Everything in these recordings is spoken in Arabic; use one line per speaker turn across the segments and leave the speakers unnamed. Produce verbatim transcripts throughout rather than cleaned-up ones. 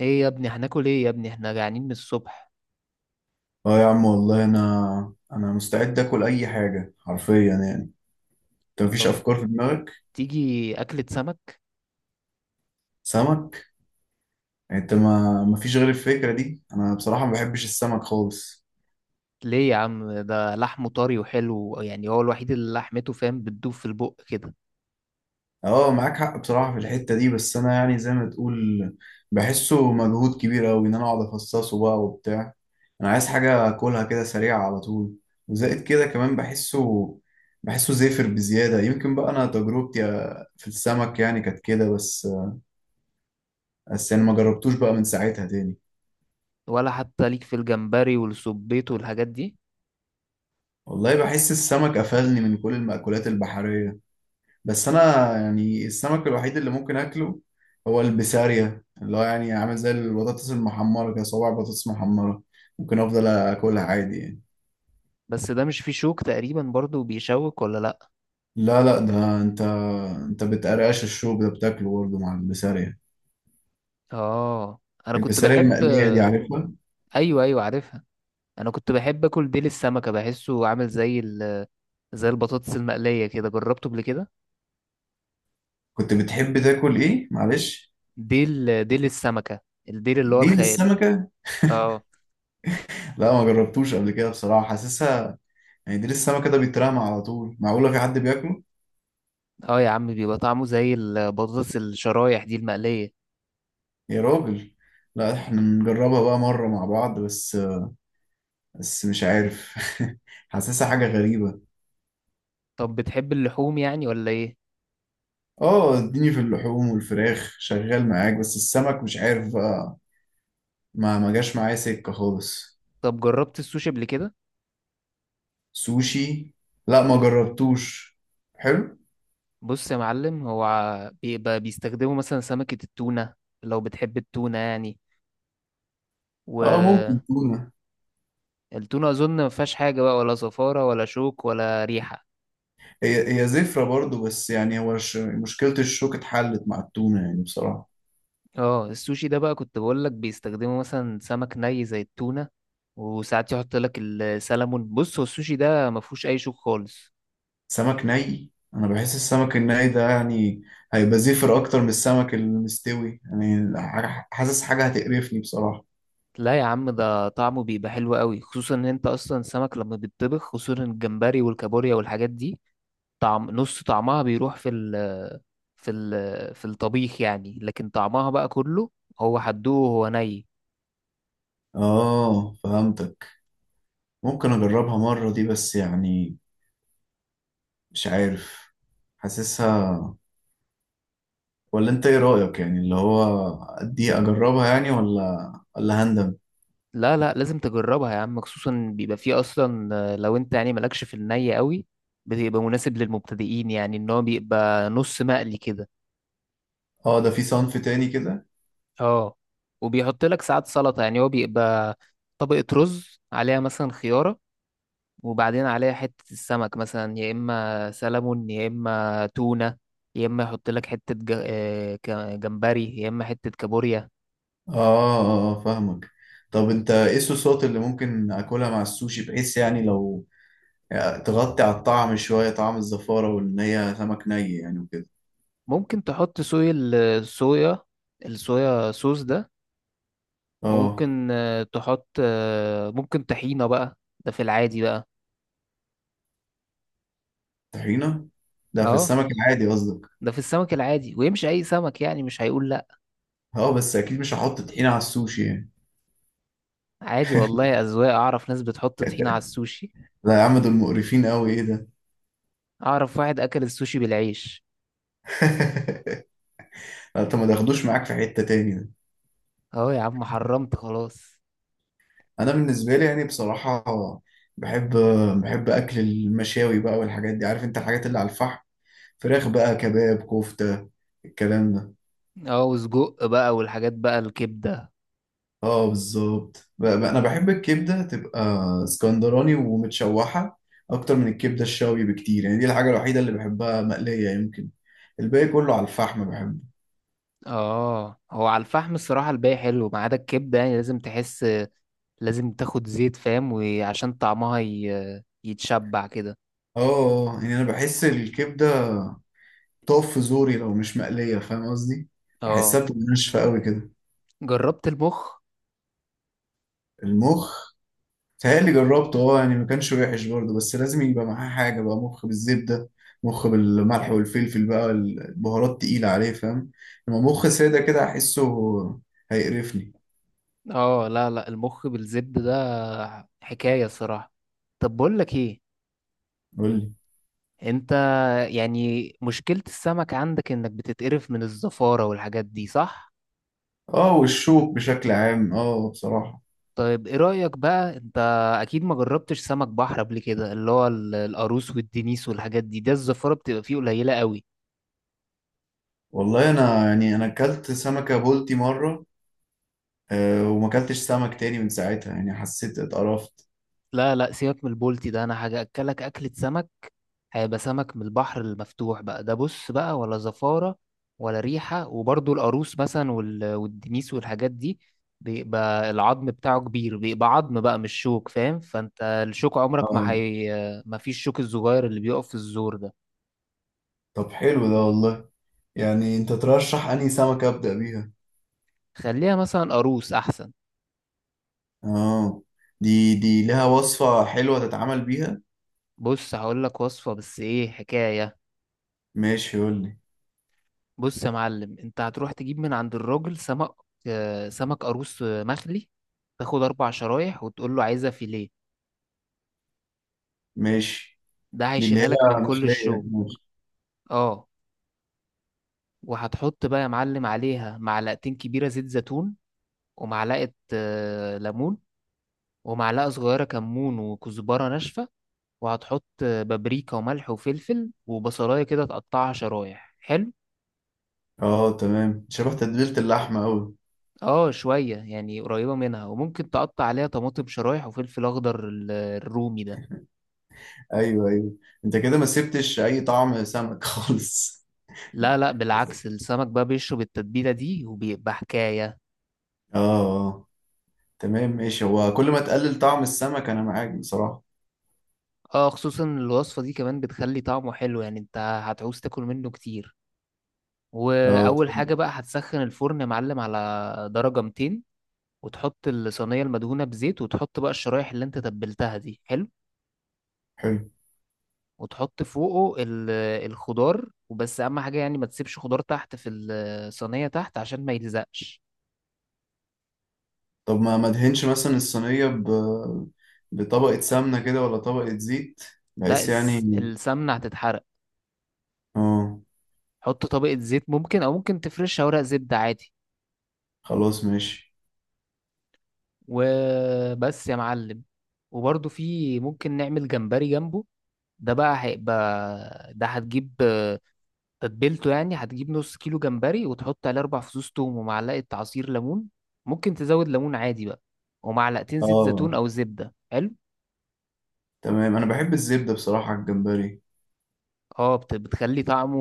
ايه يا ابني هناكل ايه يا ابني، احنا جعانين من الصبح؟
اه يا عم، والله انا انا مستعد اكل اي حاجه حرفيا يعني. انت مفيش
طب،
افكار في دماغك؟
تيجي اكلة سمك؟
سمك؟ يعني انت ما مفيش غير الفكره دي؟ انا بصراحه ما بحبش السمك خالص.
ليه يا عم؟ ده لحمه طري وحلو، يعني هو الوحيد اللي لحمته فاهم بتدوب في البق كده.
اه، معاك حق بصراحه في الحته دي، بس انا يعني زي ما تقول بحسه مجهود كبير قوي ان انا اقعد افصصه بقى وبتاع. انا عايز حاجه اكلها كده سريعه على طول. وزائد كده كمان بحسه بحسه زافر بزياده، يمكن بقى انا تجربتي في السمك يعني كانت كده بس بس انا ما جربتوش بقى من ساعتها تاني.
ولا حتى ليك في الجمبري والسبيط والحاجات دي؟
والله بحس السمك قفلني من كل المأكولات البحرية. بس أنا يعني السمك الوحيد اللي ممكن أكله هو البسارية، اللي هو يعني عامل زي البطاطس المحمرة كده، صوابع بطاطس محمرة ممكن أفضل أكلها عادي يعني.
بس ده مش فيه شوك تقريبا برضو بيشوك ولا لا؟
لا لا، ده أنت أنت بتقرقش الشوك ده بتاكله برضه مع البسارية.
اه، انا كنت
البسارية
بحب.
المقلية دي عارفها؟
ايوه ايوه، عارفها. انا كنت بحب اكل ديل السمكة، بحسه عامل زي ال... زي البطاطس المقلية كده، جربته قبل كده.
كنت بتحب تاكل إيه، معلش؟
ديل ديل السمكة، الديل اللي هو
ديل
الخيال.
السمكة؟
اه.
لا، ما جربتوش قبل كده بصراحة، حاسسها يعني ديل السمكة ده بيترمى على طول، معقولة في حد بياكله؟
اه يا عم، بيبقى طعمه زي البطاطس الشرايح دي المقلية.
يا راجل! لا، احنا نجربها بقى مرة مع بعض بس بس مش عارف. حاسسها حاجة غريبة.
طب، بتحب اللحوم يعني ولا ايه؟
اه، اديني في اللحوم والفراخ شغال معاك، بس السمك مش عارف بقى. ما ما جاش معايا سكة خالص.
طب، جربت السوشي قبل كده؟
سوشي؟ لا، ما جربتوش. حلو.
بص يا معلم، هو ع- بيبقى بيستخدموا مثلا سمكة التونة، لو بتحب التونة يعني،
اه، ممكن
والتونة
تونة.
أظن ما فيهاش حاجة بقى، ولا زفارة ولا شوك ولا ريحة.
هي هي زفرة برضو، بس يعني هو ش- مشكلة الشوك اتحلت مع التونة يعني بصراحة.
اه، السوشي ده بقى كنت بقول لك بيستخدموا مثلا سمك ني زي التونة، وساعات يحط لك السلمون. بص، هو السوشي ده ما فيهوش أي شوك خالص.
سمك ني، انا بحس السمك الني ده يعني هيبقى زفر اكتر من السمك المستوي يعني، ح- حاسس حاجة هتقرفني بصراحة.
لا يا عم، ده طعمه بيبقى حلو قوي، خصوصا ان انت اصلا السمك لما بيتطبخ، خصوصا الجمبري والكابوريا والحاجات دي، طعم نص طعمها بيروح في ال في ال في الطبيخ يعني، لكن طعمها بقى كله هو حدوه وهو ني.
اه، فهمتك. ممكن اجربها مرة دي، بس يعني مش عارف، حاسسها. ولا انت ايه رأيك يعني، اللي هو دي اجربها يعني، ولا ولا هندم؟
لا لا، لازم تجربها يا عم، خصوصا بيبقى فيه اصلا، آه، لو انت يعني مالكش في الني قوي، بيبقى مناسب للمبتدئين، يعني ان هو بيبقى نص مقلي كده.
اه، ده في صنف تاني كده.
اه، وبيحط لك ساعات سلطة، يعني هو بيبقى طبقة رز عليها مثلا خيارة، وبعدين عليها حتة السمك، مثلا يا إما سلمون يا إما تونة، يا إما يحط لك حتة ج- آه، ك- جمبري، يا إما حتة كابوريا.
اه اه، آه، فاهمك. طب انت ايه الصوصات اللي ممكن اكلها مع السوشي، بحيث يعني لو يعني تغطي على الطعم شوية، طعم الزفارة، وإن هي سمك ني يعني وكده؟
ممكن تحط صويا، الصويا الصويا صوص ده.
اه،
وممكن آه، تحط، آه، ممكن طحينة بقى، ده في العادي بقى.
طحينة؟ ده في
اه،
السمك العادي قصدك؟
ده في السمك العادي ويمشي أي سمك، يعني مش هيقول لأ.
اه، بس أكيد مش هحط طحينة على السوشي يعني.
عادي والله، أذواق، أعرف ناس بتحط طحينة على السوشي.
لا يا عم، دول مقرفين قوي، ايه ده!
أعرف واحد أكل السوشي بالعيش.
انت ما تاخدوش معاك في حتة تاني ده.
أهو يا عم، حرمت خلاص.
انا بالنسبة لي يعني بصراحة بحب بحب اكل المشاوي بقى والحاجات دي، عارف انت الحاجات اللي على الفحم. فراخ بقى، كباب، كفتة، الكلام ده.
اه، وسجق بقى والحاجات بقى الكبدة.
اه بالظبط، ب- ب- انا بحب الكبده تبقى اسكندراني ومتشوحه، اكتر من الكبده الشاوي بكتير يعني، دي الحاجه الوحيده اللي بحبها مقليه يمكن. الباقي كله على الفحم بحبه.
اه، هو على الفحم الصراحة الباقي حلو، ما عدا الكبدة، يعني لازم تحس، لازم تاخد زيت فاهم، وعشان طعمها ي... يتشبع كده.
اه يعني انا بحس الكبده بتقف في زوري لو مش مقليه، فاهم قصدي؟ بحسها
اه،
بتبقى ناشفه قوي كده.
جربت المخ.
المخ؟ تهيألي جربته، اه يعني ما كانش وحش برضه، بس لازم يبقى معاه حاجة بقى، مخ بالزبدة، مخ بالملح والفلفل بقى، البهارات تقيلة عليه فاهم؟ لما مخ سادة كده أحسه هيقرفني.
اه، لا لا، المخ بالزبدة ده حكاية صراحة. طب بقول لك ايه،
قول لي.
انت يعني مشكلة السمك عندك انك بتتقرف من الزفارة والحاجات دي، صح؟
اه، والشوك بشكل عام، اه، بصراحة.
طيب، ايه رأيك بقى انت؟ اكيد ما جربتش سمك بحر قبل كده، اللي هو ال- القاروص والدنيس والحاجات دي، ده الزفارة بتبقى فيه قليلة قوي.
والله أنا يعني أنا أكلت سمكة بولتي مرة، آه وما أكلتش سمك تاني من ساعتها يعني، حسيت اتقرفت.
لا لا، سيبك من البولتي ده، انا هاجي اكلك اكلة سمك، هيبقى سمك من البحر المفتوح بقى، ده بص بقى ولا زفارة ولا ريحة، وبرضه القاروص مثلا وال- والدنيس والحاجات دي، بيبقى العظم بتاعه كبير، بيبقى عظم بقى مش شوك، فاهم؟ فانت الشوك عمرك ما
اه،
هي، ما فيش الشوك الصغير اللي بيقف في الزور ده.
طب حلو ده والله، يعني أنت ترشح أنهي سمكة أبدأ بيها؟
خليها مثلا قاروص احسن.
اه، دي دي لها وصفة حلوة تتعامل بيها.
بص هقول لك وصفة بس ايه حكاية.
ماشي قول لي.
بص يا معلم، انت هتروح تجيب من عند الراجل سمك، آه، سمك قاروص، آه، مخلي، تاخد اربع شرايح وتقول له عايزها فيليه،
ماشي،
ده
دي اللي هي
هيشيلها لك من كل
مخلية،
الشوك.
ماشي.
اه، وهتحط بقى يا معلم عليها معلقتين كبيرة زيت زيتون، ومعلقة آه، ليمون، ومعلقة صغيرة كمون وكزبرة ناشفة، وهتحط آه، بابريكا وملح وفلفل وبصلاية كده تقطعها شرايح، حلو.
اه، تمام، شبه تتبيلة اللحمة أوي.
اه، شوية يعني قريبة منها، وممكن تقطع عليها طماطم شرايح وفلفل أخضر، ال- الرومي ده.
أيوه أيوه. أنت كده ما سبتش أي طعم سمك خالص.
لا لا، بالعكس السمك بقى بيشرب التتبيلة دي وبيبقى حكاية.
اه اه، تمام ماشي، هو كل ما تقلل طعم السمك أنا معاك بصراحة.
اه، خصوصا الوصفة دي كمان بتخلي طعمه حلو، يعني انت هتعوز تاكل منه كتير.
اه،
وأول
طيب.
حاجة بقى هتسخن الفرن يا معلم على درجة مئتين، وتحط الصينية المدهونة بزيت، وتحط بقى الشرايح اللي انت تبلتها دي، حلو،
حلو.
وتحط فوقه ال- الخضار. وبس، أهم حاجة يعني ما تسيبش خضار تحت في الصينية تحت، عشان ما يلزقش.
طب ما ما ادهنش مثلا الصينية ب... بطبقة سمنة كده ولا طبقة زيت،
لا،
بحيث يعني؟
الس- السمنة هتتحرق،
اه،
حط طبقة زيت ممكن، أو ممكن تفرشها ورق زبدة عادي،
خلاص ماشي.
وبس يا معلم. وبرضه في ممكن نعمل جمبري جنبه، ده بقى هيبقى، ده هتجيب آه، تتبيلته، يعني هتجيب نص كيلو جمبري وتحط عليه أربع فصوص توم ومعلقة عصير ليمون، ممكن تزود ليمون عادي بقى، ومعلقتين زيت زيتون
اه،
أو زبدة، حلو.
تمام، أنا بحب الزبدة بصراحة على الجمبري.
اه، بت- بتخلي طعمه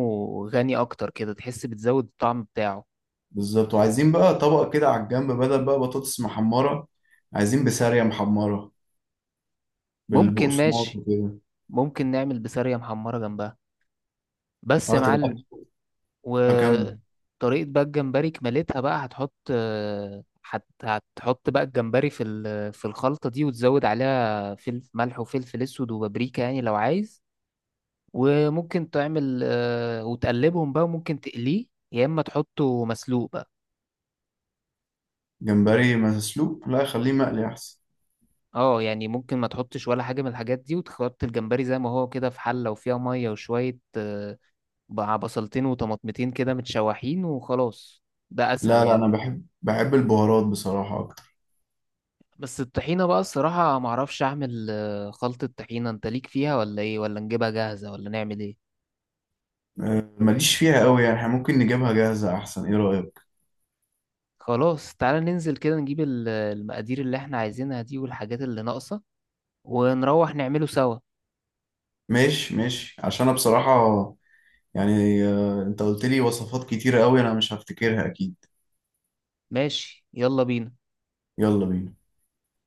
غني أكتر كده، تحس بتزود الطعم بتاعه.
بالظبط، وعايزين بقى طبق كده على الجنب، بدل بقى بطاطس محمرة، عايزين بسارية محمرة
ممكن،
بالبقسماط
ماشي،
وكده.
ممكن نعمل بسارية محمرة جنبها، بس يا
اه، تبقى
معلم.
أكلة كاملة.
وطريقة بقى الجمبري كمالتها بقى، هتحط آه، هت- هتحط بقى الجمبري في ال- في الخلطة دي، وتزود عليها فلفل ملح وفلفل اسود وبابريكا يعني لو عايز، وممكن تعمل، آه، وتقلبهم بقى، وممكن تقليه، يا اما تحطه مسلوق بقى.
جمبري مسلوق؟ لا، خليه مقلي أحسن.
اه، يعني ممكن ما تحطش ولا حاجة من الحاجات دي، وتحط الجمبري زي ما هو كده في حلة وفيها مية وشوية، آه، بقى بصلتين وطماطمتين كده متشوحين، وخلاص، ده اسهل
لا لا،
يعني.
أنا بحب بحب البهارات بصراحة أكتر.
بس الطحينة بقى الصراحة معرفش أعمل، آه، خلطة طحينة، أنت ليك فيها ولا إيه؟ ولا نجيبها جاهزة ولا نعمل إيه؟
آه، ماليش فيها قوي يعني، احنا ممكن نجيبها جاهزة أحسن، إيه رأيك؟
خلاص، تعالى ننزل كده نجيب ال- المقادير اللي إحنا عايزينها دي والحاجات اللي ناقصة، ونروح نعمله سوا.
ماشي ماشي، عشان أنا بصراحة يعني آه، أنت قلت لي وصفات كتيرة قوي، أنا مش هفتكرها أكيد.
ماشي، يلا بينا.
يلا بينا.